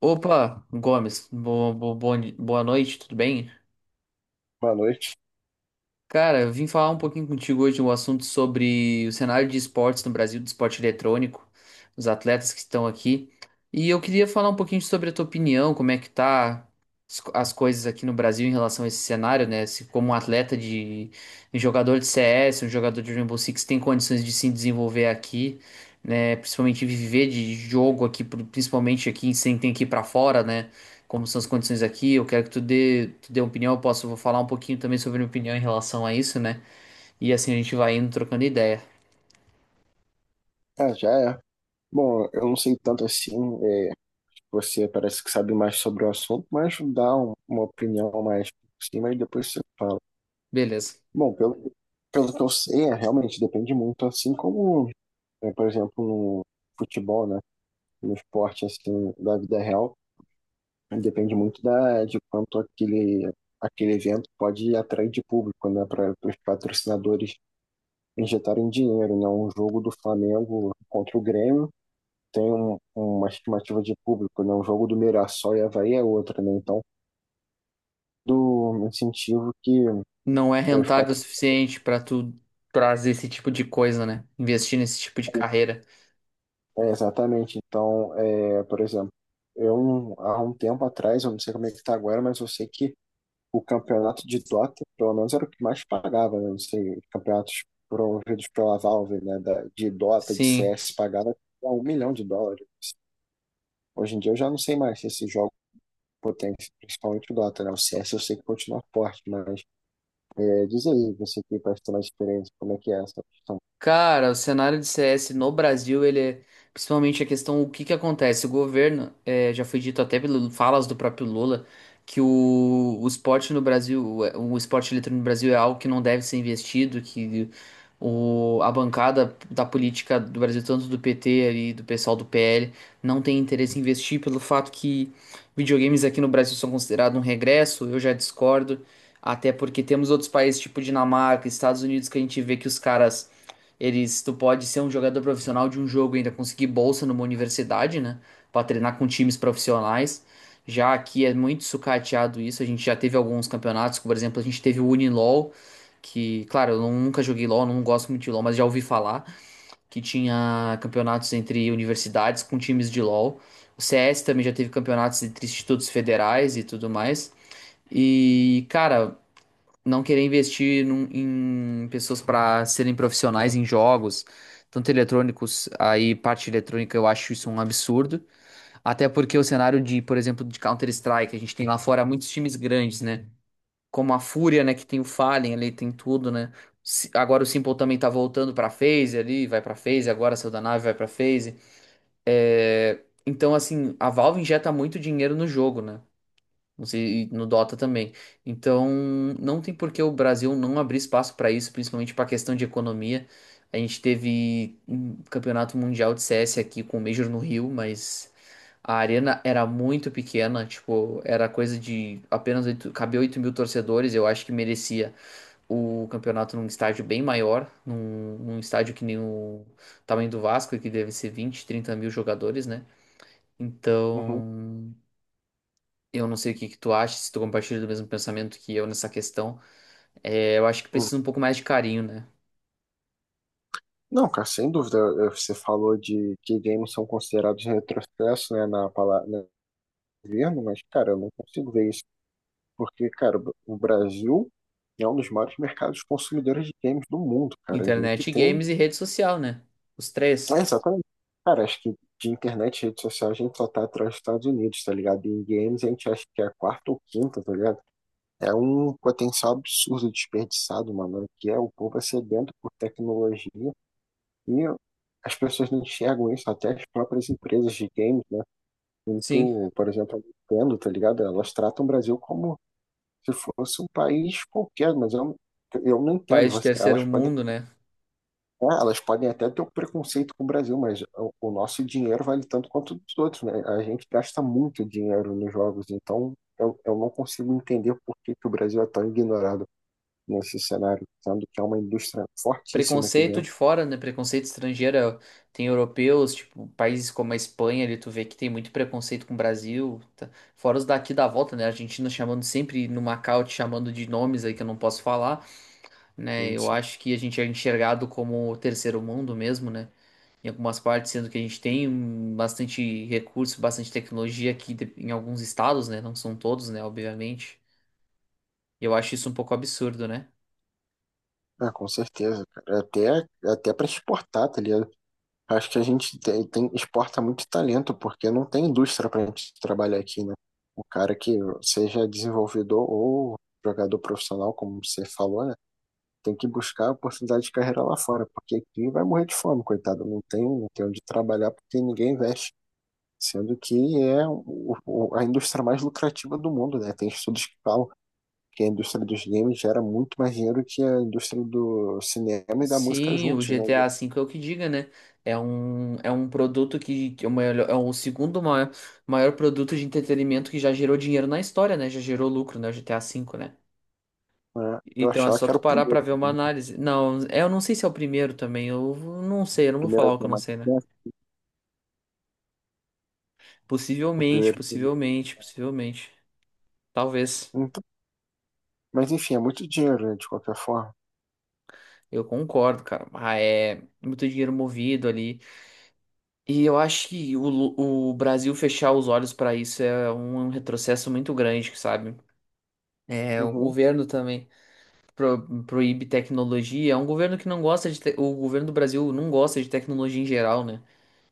Opa, Gomes, boa, boa noite, tudo bem? Boa noite. Cara, eu vim falar um pouquinho contigo hoje um assunto sobre o cenário de esportes no Brasil, do esporte eletrônico, os atletas que estão aqui. E eu queria falar um pouquinho sobre a tua opinião, como é que tá as coisas aqui no Brasil em relação a esse cenário, né? Se como um atleta de, um jogador de CS, um jogador de Rainbow Six tem condições de se desenvolver aqui, né? Principalmente viver de jogo aqui, principalmente aqui sem ter que ir pra fora, né? Como são as condições aqui, eu quero que tu dê uma opinião, vou falar um pouquinho também sobre minha opinião em relação a isso, né? E assim a gente vai indo trocando ideia. Ah, já é. Bom, eu não sei tanto assim, é, você parece que sabe mais sobre o assunto, mas dá uma opinião mais por cima e depois você fala. Beleza. Bom, pelo que eu sei, realmente depende muito, assim como, por exemplo, no futebol, né? No esporte, assim, da vida real, depende muito de quanto aquele evento pode atrair de público, né? Para os patrocinadores injetarem dinheiro, né? Um jogo do Flamengo contra o Grêmio tem uma estimativa de público, né? O jogo do Mirassol e Avaí é outra, né? Então, do incentivo que Não é os rentável o suficiente pra tu trazer esse tipo de coisa, né? Investir nesse tipo de carreira. é, exatamente. Então, por exemplo, eu há um tempo atrás, eu não sei como é que está agora, mas eu sei que o campeonato de Dota, pelo menos era o que mais pagava, né? Não sei, os campeonatos promovidos pela Valve, né? De Dota, de Sim. CS, pagava US$ 1 milhão. Hoje em dia eu já não sei mais se esses jogos potentes, principalmente o Dota, né? O CS eu sei que continua forte, mas diz aí, você tem mais diferente, como é que é essa questão? Cara, o cenário de CS no Brasil, ele é principalmente a questão, o que que acontece? O governo, já foi dito até pelas falas do próprio Lula, que o esporte no Brasil, o esporte eletrônico no Brasil é algo que não deve ser investido, que o, a bancada da política do Brasil, tanto do PT e do pessoal do PL, não tem interesse em investir pelo fato que videogames aqui no Brasil são considerados um regresso, eu já discordo, até porque temos outros países, tipo Dinamarca, Estados Unidos, que a gente vê que os caras eles, tu pode ser um jogador profissional de um jogo e ainda conseguir bolsa numa universidade, né? Pra treinar com times profissionais. Já aqui é muito sucateado isso. A gente já teve alguns campeonatos, por exemplo, a gente teve o Unilol, que, claro, eu nunca joguei LOL, não gosto muito de LOL, mas já ouvi falar que tinha campeonatos entre universidades com times de LOL. O CS também já teve campeonatos entre institutos federais e tudo mais. E, cara, não querer investir em pessoas para serem profissionais em jogos, tanto eletrônicos, aí parte eletrônica eu acho isso um absurdo, até porque o cenário de, por exemplo, de Counter-Strike, a gente tem lá fora muitos times grandes, né? Como a Fúria, né, que tem o Fallen ali, tem tudo, né? Agora o Simple também tá voltando pra FaZe ali, vai pra FaZe, agora saiu da nave, vai pra FaZe. Então, assim, a Valve injeta muito dinheiro no jogo, né? Não sei, e no Dota também. Então, não tem por que o Brasil não abrir espaço para isso, principalmente para a questão de economia. A gente teve um campeonato mundial de CS aqui com o Major no Rio, mas a arena era muito pequena, tipo, era coisa de apenas 8, cabia 8.000 torcedores. Eu acho que merecia o campeonato num estádio bem maior, num estádio que nem o tamanho do Vasco, que deve ser 20, 30 mil jogadores, né? Uhum, Então, eu não sei o que que tu acha, se tu compartilha do mesmo pensamento que eu nessa questão. É, eu acho que uhum. precisa um pouco mais de carinho, né? Não, cara, sem dúvida. Você falou de que games são considerados retrocesso, né, na palavra no governo, mas, cara, eu não consigo ver isso, porque, cara, o Brasil é um dos maiores mercados consumidores de games do mundo, cara. A gente Internet, tem. games e rede social, né? Os É, três. exatamente. Cara, acho que de internet e redes sociais a gente só tá atrás dos Estados Unidos, tá ligado? E em games a gente acha que é a quarta ou quinta, tá ligado? É um potencial absurdo desperdiçado, mano, que é o povo é sedento por tecnologia e as pessoas não enxergam isso, até as próprias empresas de games, né? Sim, Muito, por exemplo, a Nintendo, tá ligado? Elas tratam o Brasil como se fosse um país qualquer, mas eu não entendo. país de terceiro Elas podem, mundo, né? Elas podem até ter um preconceito com o Brasil, mas o nosso dinheiro vale tanto quanto o dos outros, né? A gente gasta muito dinheiro nos jogos, então eu não consigo entender por que que o Brasil é tão ignorado nesse cenário, sendo que é uma indústria fortíssima aqui Preconceito dentro. de fora, né? Preconceito estrangeiro. Tem europeus, tipo, países como a Espanha, ali tu vê que tem muito preconceito com o Brasil. Tá? Fora os daqui da volta, né? A Argentina chamando sempre no Macau, te chamando de nomes aí que eu não posso falar, né? Eu Sim. acho que a gente é enxergado como o terceiro mundo mesmo, né? Em algumas partes, sendo que a gente tem bastante recurso, bastante tecnologia aqui em alguns estados, né? Não são todos, né? Obviamente. E eu acho isso um pouco absurdo, né? Ah, com certeza, cara. Até, é até para exportar, tá ligado? Acho que a gente exporta muito talento, porque não tem indústria para a gente trabalhar aqui, né? O cara que seja desenvolvedor ou jogador profissional, como você falou, né? Tem que buscar oportunidade de carreira lá fora, porque aqui vai morrer de fome, coitado. Não tem onde trabalhar porque ninguém investe. Sendo que é a indústria mais lucrativa do mundo, né? Tem estudos que falam que a indústria dos games gera muito mais dinheiro que a indústria do cinema e da música Sim, o juntos, né? GTA V é o que diga, né? É um produto que é o maior- é o segundo maior, maior produto de entretenimento que já gerou dinheiro na história, né? Já gerou lucro, né? O GTA V, né? Mas eu Então é achava só que era tu parar pra ver uma o análise. Não, é, eu não sei se é o primeiro também. Eu não sei, eu não vou falar primeiro o que que eu é não mais sei, né? perto, o Possivelmente, primeiro. possivelmente, possivelmente. Talvez. Então, mas enfim, é muito dinheiro, né, de qualquer forma. Eu concordo, cara. Ah, é muito dinheiro movido ali. E eu acho que o Brasil fechar os olhos pra isso é um retrocesso muito grande, sabe? É, o Uhum, governo também proíbe tecnologia. É um governo que não gosta O governo do Brasil não gosta de tecnologia em geral, né?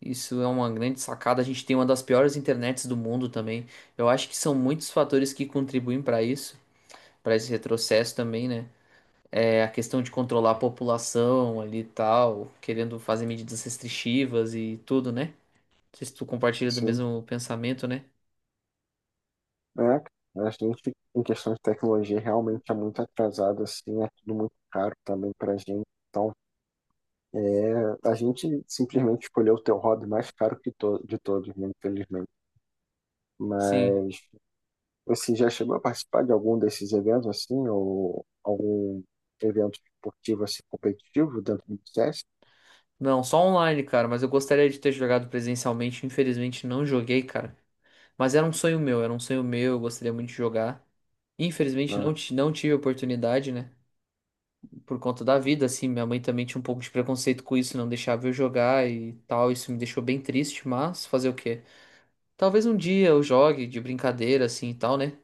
Isso é uma grande sacada. A gente tem uma das piores internets do mundo também. Eu acho que são muitos fatores que contribuem para isso, para esse retrocesso também, né? É a questão de controlar a população ali e tal, querendo fazer medidas restritivas e tudo, né? Não sei se tu compartilha do sim. mesmo pensamento, né? É, a gente, em questão de tecnologia, realmente é muito atrasado, assim, é tudo muito caro também pra gente. Então, a gente simplesmente escolheu ter o hobby mais caro que to de todos, né, infelizmente. Sim. Mas você já chegou a participar de algum desses eventos assim, ou algum evento esportivo assim competitivo dentro do CS? Não, só online, cara, mas eu gostaria de ter jogado presencialmente. Infelizmente não joguei, cara. Mas era um sonho meu, eu gostaria muito de jogar. Infelizmente Ah, não tive oportunidade, né? Por conta da vida, assim. Minha mãe também tinha um pouco de preconceito com isso, não deixava eu jogar e tal. Isso me deixou bem triste, mas fazer o quê? Talvez um dia eu jogue de brincadeira, assim e tal, né?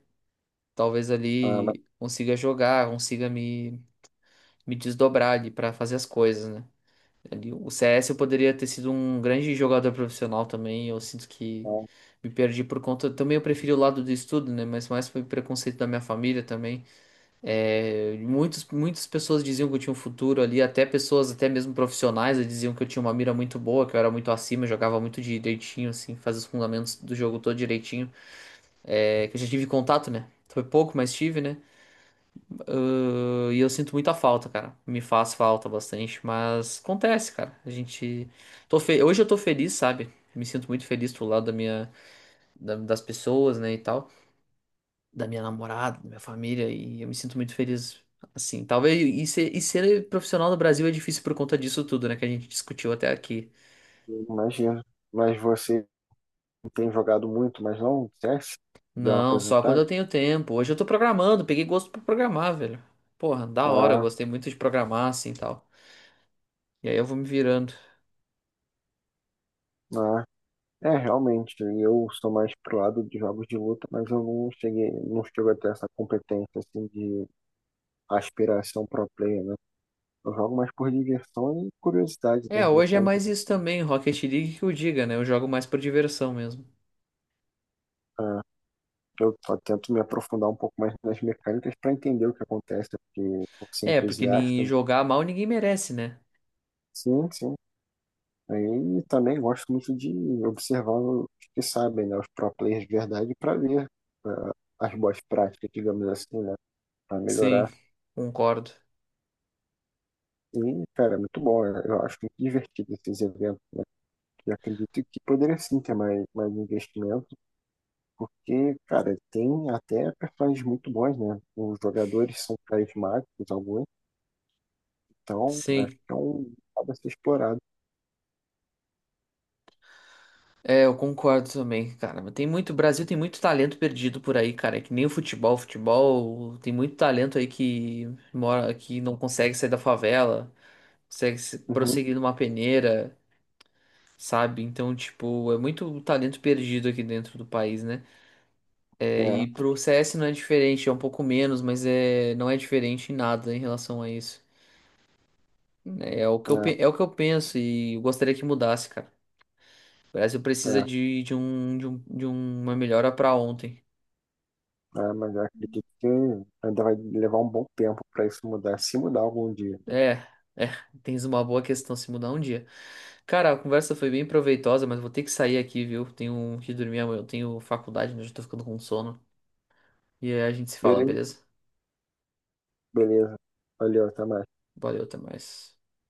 Talvez ah, mas, ali consiga jogar, me desdobrar ali pra fazer as coisas, né? Ali, o CS eu poderia ter sido um grande jogador profissional também. Eu sinto que ah, me perdi por conta. Também eu preferi o lado do estudo, né? Mas mais foi preconceito da minha família também. É, muitas pessoas diziam que eu tinha um futuro ali, até pessoas, até mesmo profissionais, diziam que eu tinha uma mira muito boa, que eu era muito acima, eu jogava muito direitinho, assim, fazia os fundamentos do jogo todo direitinho. É, que eu já tive contato, né? Foi pouco, mas tive, né? Ah, e eu sinto muita falta, cara. Me faz falta bastante, mas acontece, cara. A gente. Hoje eu tô feliz, sabe? Me sinto muito feliz pro lado da minha, das pessoas, né, e tal da minha namorada, da minha família, e eu me sinto muito feliz assim. Talvez e ser profissional no Brasil é difícil por conta disso tudo, né, que a gente discutiu até aqui. eu imagino. Mas você tem jogado muito, mas não CS? Deu uma Não, só quando aposentada? eu tenho tempo. Hoje eu tô programando, peguei gosto pra programar, velho. Porra, da hora, Ah, gostei muito de programar assim e tal. E aí eu vou me virando. ah. É, realmente, eu sou mais pro lado de jogos de luta, mas eu não chego a ter essa competência assim de aspiração pro player, né? Eu jogo mais por diversão e curiosidade É, das hoje é mecânicas. mais isso também, Rocket League que eu diga, né? Eu jogo mais por diversão mesmo. Eu só tento me aprofundar um pouco mais nas mecânicas para entender o que acontece, porque por ser É, porque nem entusiasta, jogar mal ninguém merece, né? sim, sim. Aí também gosto muito de observar os que sabem, né, os pro players de verdade, para ver ah, as boas práticas, digamos assim, né, para melhorar. Sim, concordo. E, cara, é muito bom, eu acho muito divertido esses eventos. E acredito que poderia sim ter mais, mais investimento, porque, cara, tem até personagens muito bons, né? Os jogadores são carismáticos, alguns. Então, acho Sim. que é um lado a ser explorado. É, eu concordo também, cara. Mas tem muito, o Brasil tem muito talento perdido por aí, cara. É que nem o futebol, futebol, tem muito talento aí que mora, que não consegue sair da favela, consegue se- Uhum. prosseguir numa peneira, sabe? Então, tipo, é muito talento perdido aqui dentro do país, né? É, É, e pro CS não é diferente, é um pouco menos, mas é, não é diferente em nada em relação a isso, né? É, o que eu, é, pe- é o que eu penso e eu gostaria que mudasse, cara. O Brasil precisa é. De uma melhora pra ontem. É, mas eu acredito que ainda vai levar um bom tempo para isso mudar, se mudar algum dia. É, é, tens uma boa questão se mudar um dia. Cara, a conversa foi bem proveitosa, mas vou ter que sair aqui, viu? Tenho que dormir amanhã, eu tenho faculdade, né? Já tô ficando com sono. E aí a gente se fala, Beleza, beleza? beleza. Valeu, até mais. Valeu, até mais.